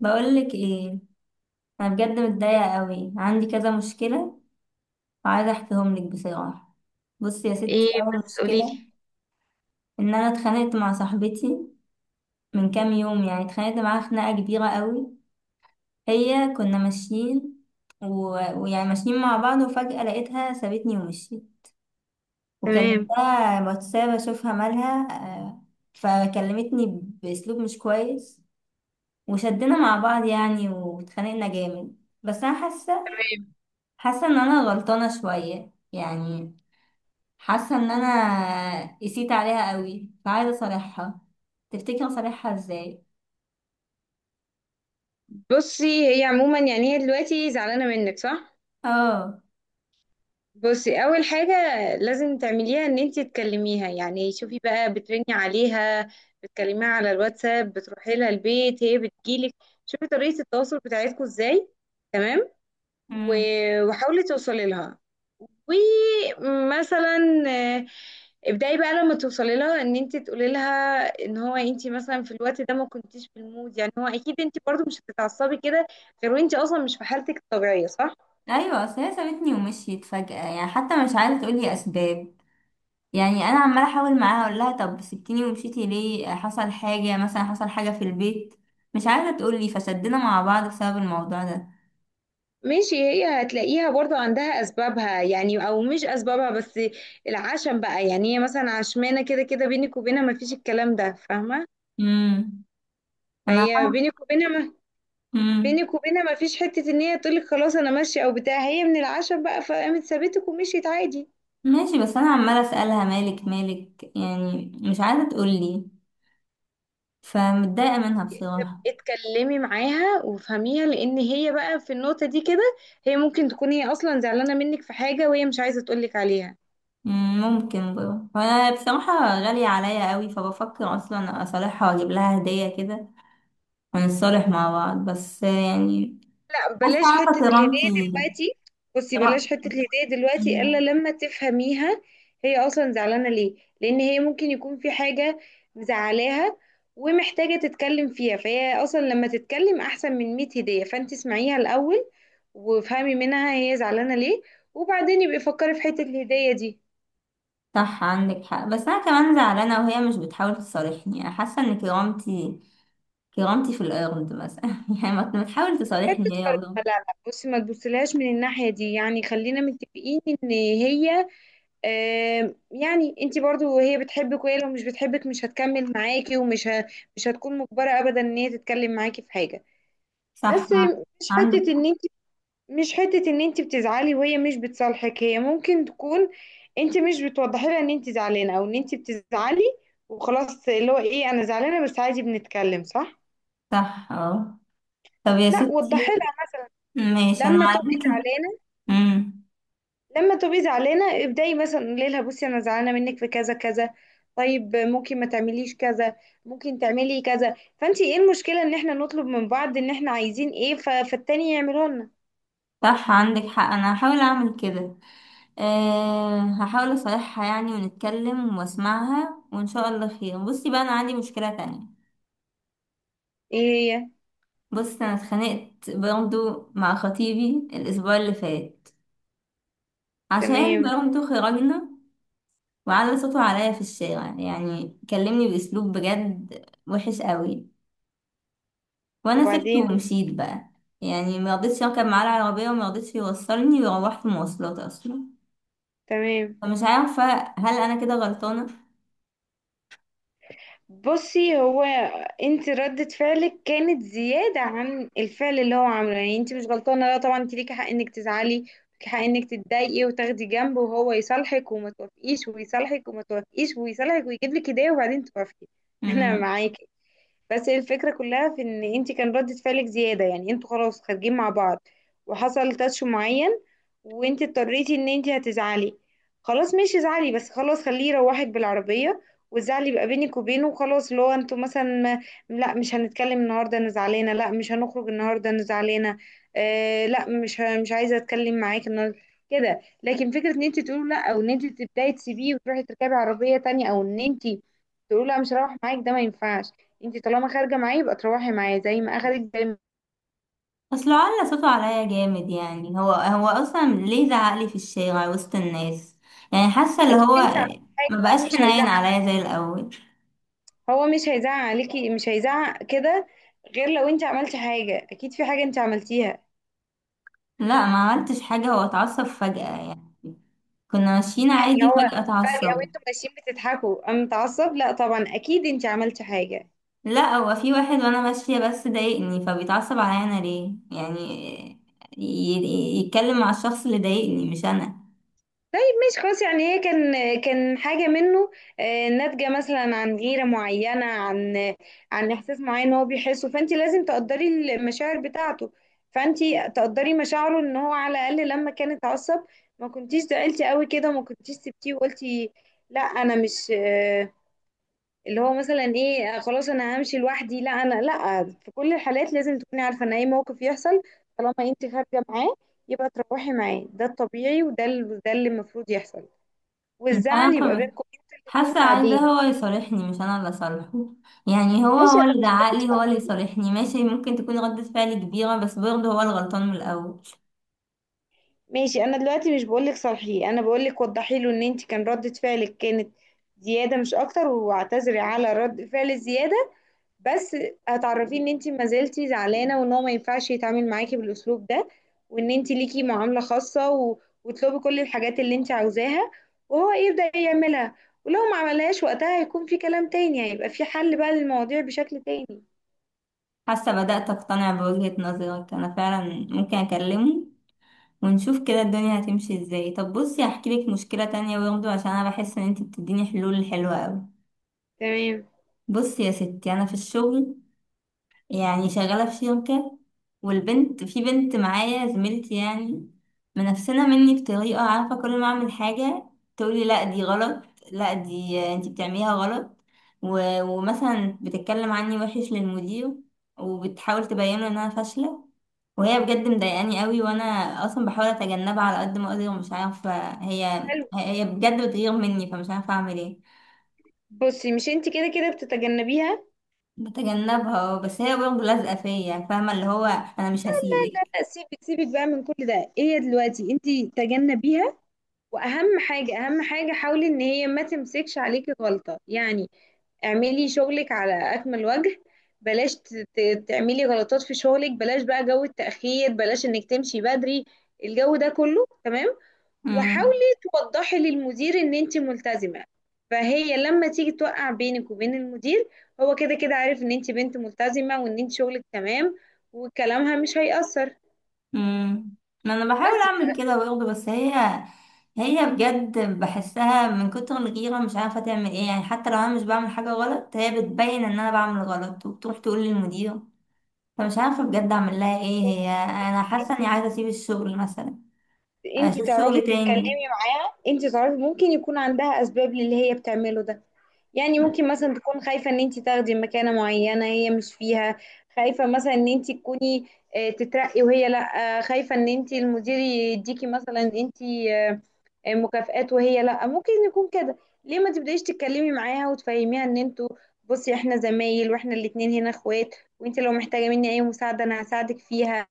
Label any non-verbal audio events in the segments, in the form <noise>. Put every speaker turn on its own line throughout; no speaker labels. بقولك ايه. انا بجد متضايقه قوي، عندي كذا مشكله وعايزه احكيهم لك بصراحه. بصي يا ستي،
ايه
اول
بس قوليلي.
مشكله ان انا اتخانقت مع صاحبتي من كام يوم، يعني اتخانقت معاها خناقه كبيره قوي. هي كنا ماشيين و... ويعني ماشيين مع بعض، وفجاه لقيتها سابتني ومشيت، وكلمتها واتساب اشوفها مالها. آه، فكلمتني باسلوب مش كويس، وشدنا مع بعض يعني واتخانقنا جامد. بس انا حاسه
تمام.
حاسه ان انا غلطانه شويه يعني، حاسه ان انا قسيت عليها قوي، فعايزه اصالحها. تفتكر اصالحها ازاي؟
بصي هي عموما، يعني هي دلوقتي زعلانه منك، صح؟
اه.
بصي اول حاجه لازم تعمليها ان انت تكلميها، يعني شوفي بقى بترني عليها، بتكلميها على الواتساب، بتروحي لها البيت، هي بتجيلك. شوفي طريقه التواصل بتاعتكم ازاي. تمام.
امم.
و- وحاولي توصلي لها، ومثلا آه، ابدأي بقى لما توصلي لها ان انت تقولي لها ان هو انت مثلا في الوقت ده ما كنتيش في المود، يعني هو اكيد انت برضو مش هتتعصبي كده، غير وانت اصلا مش في حالتك الطبيعية، صح؟
ايوه، اصل هي سابتني ومشيت فجاه يعني، حتى مش عايزه تقولي اسباب. يعني انا عماله احاول معاها اقول لها طب سبتيني ومشيتي ليه؟ حصل حاجه مثلا؟ حصل حاجه في البيت؟ مش عايزه تقولي، فشدنا مع بعض بسبب الموضوع ده.
ماشي، هي هتلاقيها برضو عندها اسبابها، يعني او مش اسبابها، بس العشم بقى، يعني هي مثلا عشمانة كده كده بينك وبينها، ما فيش الكلام ده، فاهمة؟
امم. انا
فهي بينك وبينها ما
امم
بينك وبينها ما فيش حتة ان هي تقولك خلاص انا ماشية او بتاع، هي من العشم بقى فقامت سابتك ومشيت عادي.
ماشي، بس انا عماله اسالها مالك مالك، يعني مش عايزه تقولي، فمتضايقة منها بصراحة.
اتكلمي معاها وافهميها، لان هي بقى في النقطة دي كده، هي ممكن تكون هي اصلا زعلانة منك في حاجة وهي مش عايزة تقولك عليها.
ممكن برضه. وانا بصراحة غالية عليا قوي، فبفكر اصلا اصالحها واجيب لها هدية كده ونتصالح مع بعض، بس يعني
لا،
حاسة
بلاش
عارفة
حتة الهدية
كرامتي.
دلوقتي. بصي بلاش
كرا-
حتة الهدية دلوقتي الا
مم.
لما تفهميها هي اصلا زعلانة ليه، لان هي ممكن يكون في حاجة مزعلاها ومحتاجة تتكلم فيها، فهي اصلا لما تتكلم احسن من 100 هدية، فانت اسمعيها الاول وافهمي منها هي زعلانة ليه، وبعدين يبقى فكري في حتة الهدية دي.
صح، عندك حق، بس انا كمان زعلانة وهي مش بتحاول تصالحني. انا حاسة ان كرامتي كرامتي في الارض مثلا <laughs> يعني ما تحاول
حتة
تصالحني هي
كرامة،
ولا.
لا لا، بصي ما تبصلهاش من الناحية دي، يعني خلينا متفقين ان هي يعني انت برضو، هي بتحبك، وهي لو مش بتحبك مش هتكمل معاكي، مش هتكون مجبرة ابدا ان هي تتكلم معاكي في حاجة.
صح
بس، مش
عندك
حتة ان انت مش حتة ان انت بتزعلي وهي مش بتصالحك، هي ممكن تكون انت مش بتوضحي لها ان انت زعلانة او ان انت بتزعلي، وخلاص اللي هو ايه، انا زعلانة بس عادي، بنتكلم، صح؟
صح. اه. طب يا
لا،
ستي،
وضحي لها
ماشي، انا
لما
على
تبقي
فكرة.
زعلانة
مم.
لما تبقي زعلانه، ابداي مثلا قولي لها بصي انا زعلانه منك في كذا كذا، طيب ممكن ما تعمليش كذا، ممكن تعملي كذا. فانت ايه المشكله ان احنا نطلب من بعض ان احنا عايزين ايه فالتاني يعمله لنا.
صح، عندك حق، انا هحاول اعمل كده. أه، هحاول اصالحها يعني، ونتكلم واسمعها وان شاء الله خير. بصي بقى، انا عندي مشكلة تانية.
ايه هي.
بصي انا اتخانقت برضو مع خطيبي الاسبوع اللي فات، عشان
تمام.
برضو خرجنا وعلى صوته عليا في الشارع، يعني كلمني باسلوب بجد وحش قوي. وانا سبته
وبعدين.
ومشيت بقى، يعني مرضتش اركب معاه العربية ومرضتش يوصلني، وروحت مواصلات اصلا.
تمام.
فمش عارفة، هل انا كده غلطانة؟
بصي هو، انت ردة فعلك كانت زيادة عن الفعل اللي هو عامله، يعني انت مش غلطانة، لا طبعا، انت ليكي حق انك تزعلي، ليكي حق انك تتضايقي وتاخدي جنب وهو يصالحك وما توافقيش، ويصالحك وما توافقيش، ويصالحك ويجيب لك هدية وبعدين توافقي، <laughs> انا
مم.
معاكي. بس هي الفكرة كلها في ان انت كان ردة فعلك زيادة، يعني انتوا خلاص خارجين مع بعض، وحصل تاتش معين، وانت اضطريتي ان انت هتزعلي، خلاص، مش ازعلي، بس خلاص خليه يروحك بالعربية، والزعل يبقى بينك وبينه، وخلاص اللي هو انتوا مثلا، لا مش هنتكلم النهارده انا زعلانه، لا مش هنخرج النهارده انا زعلانه، آه لا مش عايزه اتكلم معاك النهارده، كده. لكن فكره ان انت تقولي لا، او ان انت تبداي تسيبيه وتروحي تركبي عربيه تانية، او ان انت تقولي لا مش هروح معاك، ده ما ينفعش. انت طالما خارجه معاه يبقى تروحي معاه زي ما اخدك، زي ما
اصل على صوته عليا جامد، يعني هو اصلا ليه زعقلي في الشارع وسط الناس؟ يعني حاسه اللي
اكيد
هو
انت عملتي حاجه،
ما بقاش
هو مش
حنين
هيزعق،
عليا زي الاول.
هو مش هيزعق عليكي مش هيزعق كده، غير لو انت عملتي حاجه، اكيد في حاجه انت عملتيها.
لا، ما عملتش حاجه، هو اتعصب فجأة يعني، كنا ماشيين
يعني
عادي
هو
فجأة
فجاه
اتعصب.
وانتم ماشيين بتضحكوا قام متعصب؟ لا طبعا، اكيد انت عملتي حاجه.
لا، هو في واحد وانا ماشيه بس ضايقني، فبيتعصب عليا انا ليه يعني؟ ي- يتكلم مع الشخص اللي ضايقني مش انا.
طيب ماشي، خلاص، يعني هي كان كان حاجة منه, ناتجة مثلا عن غيرة معينة، عن إحساس معين هو بيحسه، فأنت لازم تقدري المشاعر بتاعته. فأنت تقدري مشاعره، إن هو على الأقل لما كان اتعصب ما كنتيش زعلتي قوي كده، ما كنتيش سبتيه وقلتي لا أنا مش اللي هو مثلا إيه، خلاص أنا همشي لوحدي. لا، أنا لا، في كل الحالات لازم تكوني عارفة إن أي موقف يحصل طالما أنت خارجة معاه يبقى تروحي معاه، ده الطبيعي وده ده اللي المفروض يحصل،
مش
والزعل يبقى
انا
بينكم انتوا الاتنين
حاسه عايزاه
بعدين.
هو يصالحني، مش انا اللي اصالحه. يعني هو
ماشي،
هو
انا
اللي
مش بقولك
زعقلي، هو
صح،
اللي يصالحني. ماشي، ممكن تكون ردة فعلي كبيره، بس برضه هو الغلطان من الاول.
ماشي انا دلوقتي مش بقولك صالحيه، انا بقولك وضحي له ان انت كان ردة فعلك كانت زياده، مش اكتر، واعتذري على رد فعل الزياده. بس هتعرفيه ان انت ما زلتي زعلانه، وان هو ما ينفعش يتعامل معاكي بالاسلوب ده، وان انت ليكي معامله خاصه وتطلبي كل الحاجات اللي انت عاوزاها، وهو يبدا يعملها. ولو ما عملهاش وقتها هيكون في كلام تاني، هيبقى في حل بقى للمواضيع بشكل تاني.
حاسه بدأت اقتنع بوجهة نظرك، انا فعلا ممكن اكلمه ونشوف كده الدنيا هتمشي ازاي. طب بصي، هحكي لك مشكله تانية برضه، عشان انا بحس ان انت بتديني حلول حلوه قوي.
تمام.
بصي يا ستي، انا في الشغل يعني شغالة في شركة، والبنت في بنت معايا زميلتي يعني منافسنا مني بطريقة، عارفة كل ما أعمل حاجة تقولي لا دي غلط، لا دي انتي بتعمليها غلط، ومثلا بتتكلم عني وحش للمدير، وبتحاول تبينه إن أنا فاشلة. وهي بجد مضايقاني قوي، وأنا أصلا بحاول أتجنبها على قد ما أقدر، ومش عارفة هي
حلو.
هي بجد بتغير مني، فمش عارفة أعمل إيه.
بصي مش انت كده كده بتتجنبيها.
بتجنبها، بس هي برضه لازقة فيا، فاهمة اللي هو أنا مش هسيبك.
لا، سيبك سيبك بقى من كل ده، هي دلوقتي انت تجنبيها، واهم حاجه، اهم حاجه حاولي ان هي ما تمسكش عليكي غلطه، يعني اعملي شغلك على اكمل وجه، بلاش تعملي غلطات في شغلك، بلاش بقى جو التاخير، بلاش انك تمشي بدري، الجو ده كله تمام. وحاولي
امم.
توضحي للمدير ان انت ملتزمة، فهي لما تيجي توقع بينك وبين المدير، هو كده كده عارف ان انت بنت ملتزمة وان انت شغلك تمام، وكلامها مش هيأثر.
امم. ما انا بحاول
بس
اعمل كده برضه، بس هي بجد بحسها من كتر الغيره مش عارفه تعمل ايه. يعني حتى لو انا مش بعمل حاجه غلط، هي بتبين ان انا بعمل غلط وبتروح تقول للمدير. فمش عارفه بجد اعمل لها ايه، هي انا
انت
حاسه اني عايزه اسيب الشغل مثلا،
انت
اشوف
تعرفي
شغل تاني.
تتكلمي معاها، انت تعرفي ممكن يكون عندها اسباب للي هي بتعمله ده، يعني ممكن مثلا تكون خايفة ان انت تاخدي مكانة معينة هي مش فيها، خايفة مثلا ان انت تكوني تترقي وهي لا، خايفة ان انت المدير يديكي مثلا انت آه، مكافآت وهي لا، ممكن يكون كده. ليه ما تبدايش تتكلمي معاها وتفهميها ان انتوا، بصي احنا زمايل واحنا الاتنين هنا اخوات، وانت لو محتاجه مني اي مساعده انا هساعدك فيها،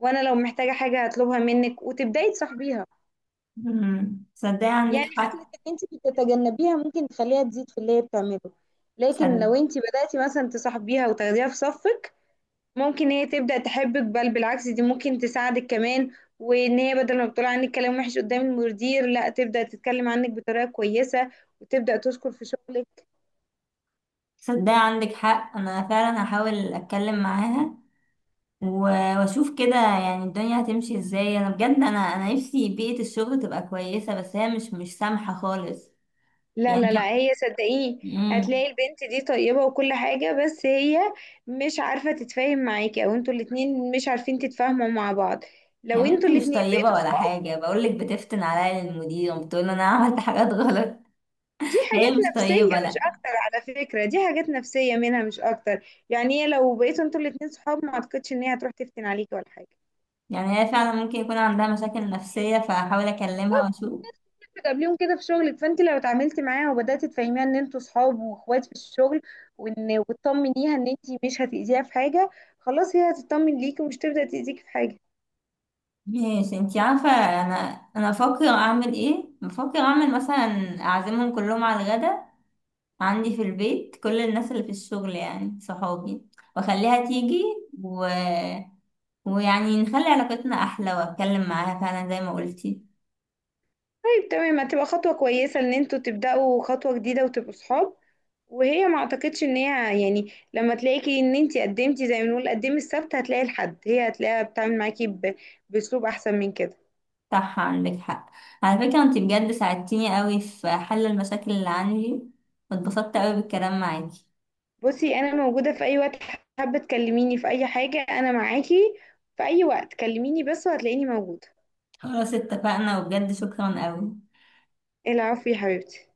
وانا لو محتاجه حاجه هطلبها منك، وتبداي تصاحبيها.
صدقي عندك
يعني فكره
حق.
ان انت بتتجنبيها ممكن تخليها تزيد في اللي هي بتعمله، لكن
صد-
لو انت بداتي مثلا تصاحبيها وتاخديها في صفك، ممكن هي تبدأ تحبك، بل بالعكس دي ممكن تساعدك كمان، وان هي بدل ما بتقول عنك كلام وحش قدام المدير، لا تبدأ تتكلم عنك بطريقة كويسة، وتبدأ تشكر في شغلك.
صدقي عندك حق، انا فعلا هحاول اتكلم معاها، واشوف كده يعني الدنيا هتمشي ازاي. انا بجد، انا نفسي بيئة الشغل تبقى كويسة، بس هي مش سامحة خالص.
لا
يعني
لا لا،
كم
هي صدقيني
امم.
هتلاقي البنت دي طيبة وكل حاجة، بس هي مش عارفة تتفاهم معاكي، او انتوا الاتنين مش عارفين تتفاهموا مع بعض،
يا
لو انتوا
بنتي مش
الاتنين
طيبة
بقيتوا
ولا
صحاب،
حاجة، بقولك بتفتن عليا المدير وبتقول انا عملت حاجات غلط
دي
<laughs> هي
حاجات
مش
نفسية
طيبة،
مش
لا.
أكتر. على فكرة، دي حاجات نفسية منها مش أكتر، يعني هي لو بقيتوا انتوا الاتنين صحاب ما أعتقدش إن هي هتروح تفتن عليكي ولا حاجة.
يعني هي فعلا ممكن يكون عندها مشاكل نفسية، فهحاول اكلمها واشوف.
قبليهم كده في شغلك، فانت لو اتعاملتي معاها وبداتي تفهميها ان انتوا صحاب واخوات في الشغل، وتطمنيها ان انت مش هتاذيها في حاجه، خلاص هي هتطمن ليكي ومش تبدا تاذيكي في حاجه.
ماشي، انتي عارفة، انا بفكر اعمل ايه، بفكر اعمل مثلا اعزمهم كلهم على الغدا عندي في البيت كل الناس اللي في الشغل يعني صحابي، واخليها تيجي و... ويعني نخلي علاقتنا احلى واتكلم معاها فعلا زي ما قلتي.
طيب تمام، هتبقى خطوه كويسه ان انتوا تبداوا خطوه جديده وتبقوا صحاب، وهي ما اعتقدش ان هي يعني لما تلاقيكي ان انت قدمتي، زي ما بنقول قدمي السبت هتلاقي الحد، هي هتلاقيها بتتعامل معاكي باسلوب احسن من كده.
صح، عندك حق. على فكرة انتي بجد ساعدتيني قوي في حل المشاكل اللي عندي، واتبسطت قوي بالكلام معاكي.
بصي انا موجوده في اي وقت، حابه تكلميني في اي حاجه انا معاكي، في اي وقت كلميني بس وهتلاقيني موجوده.
خلاص اتفقنا، وبجد شكرا قوي.
العفو يا حبيبتي.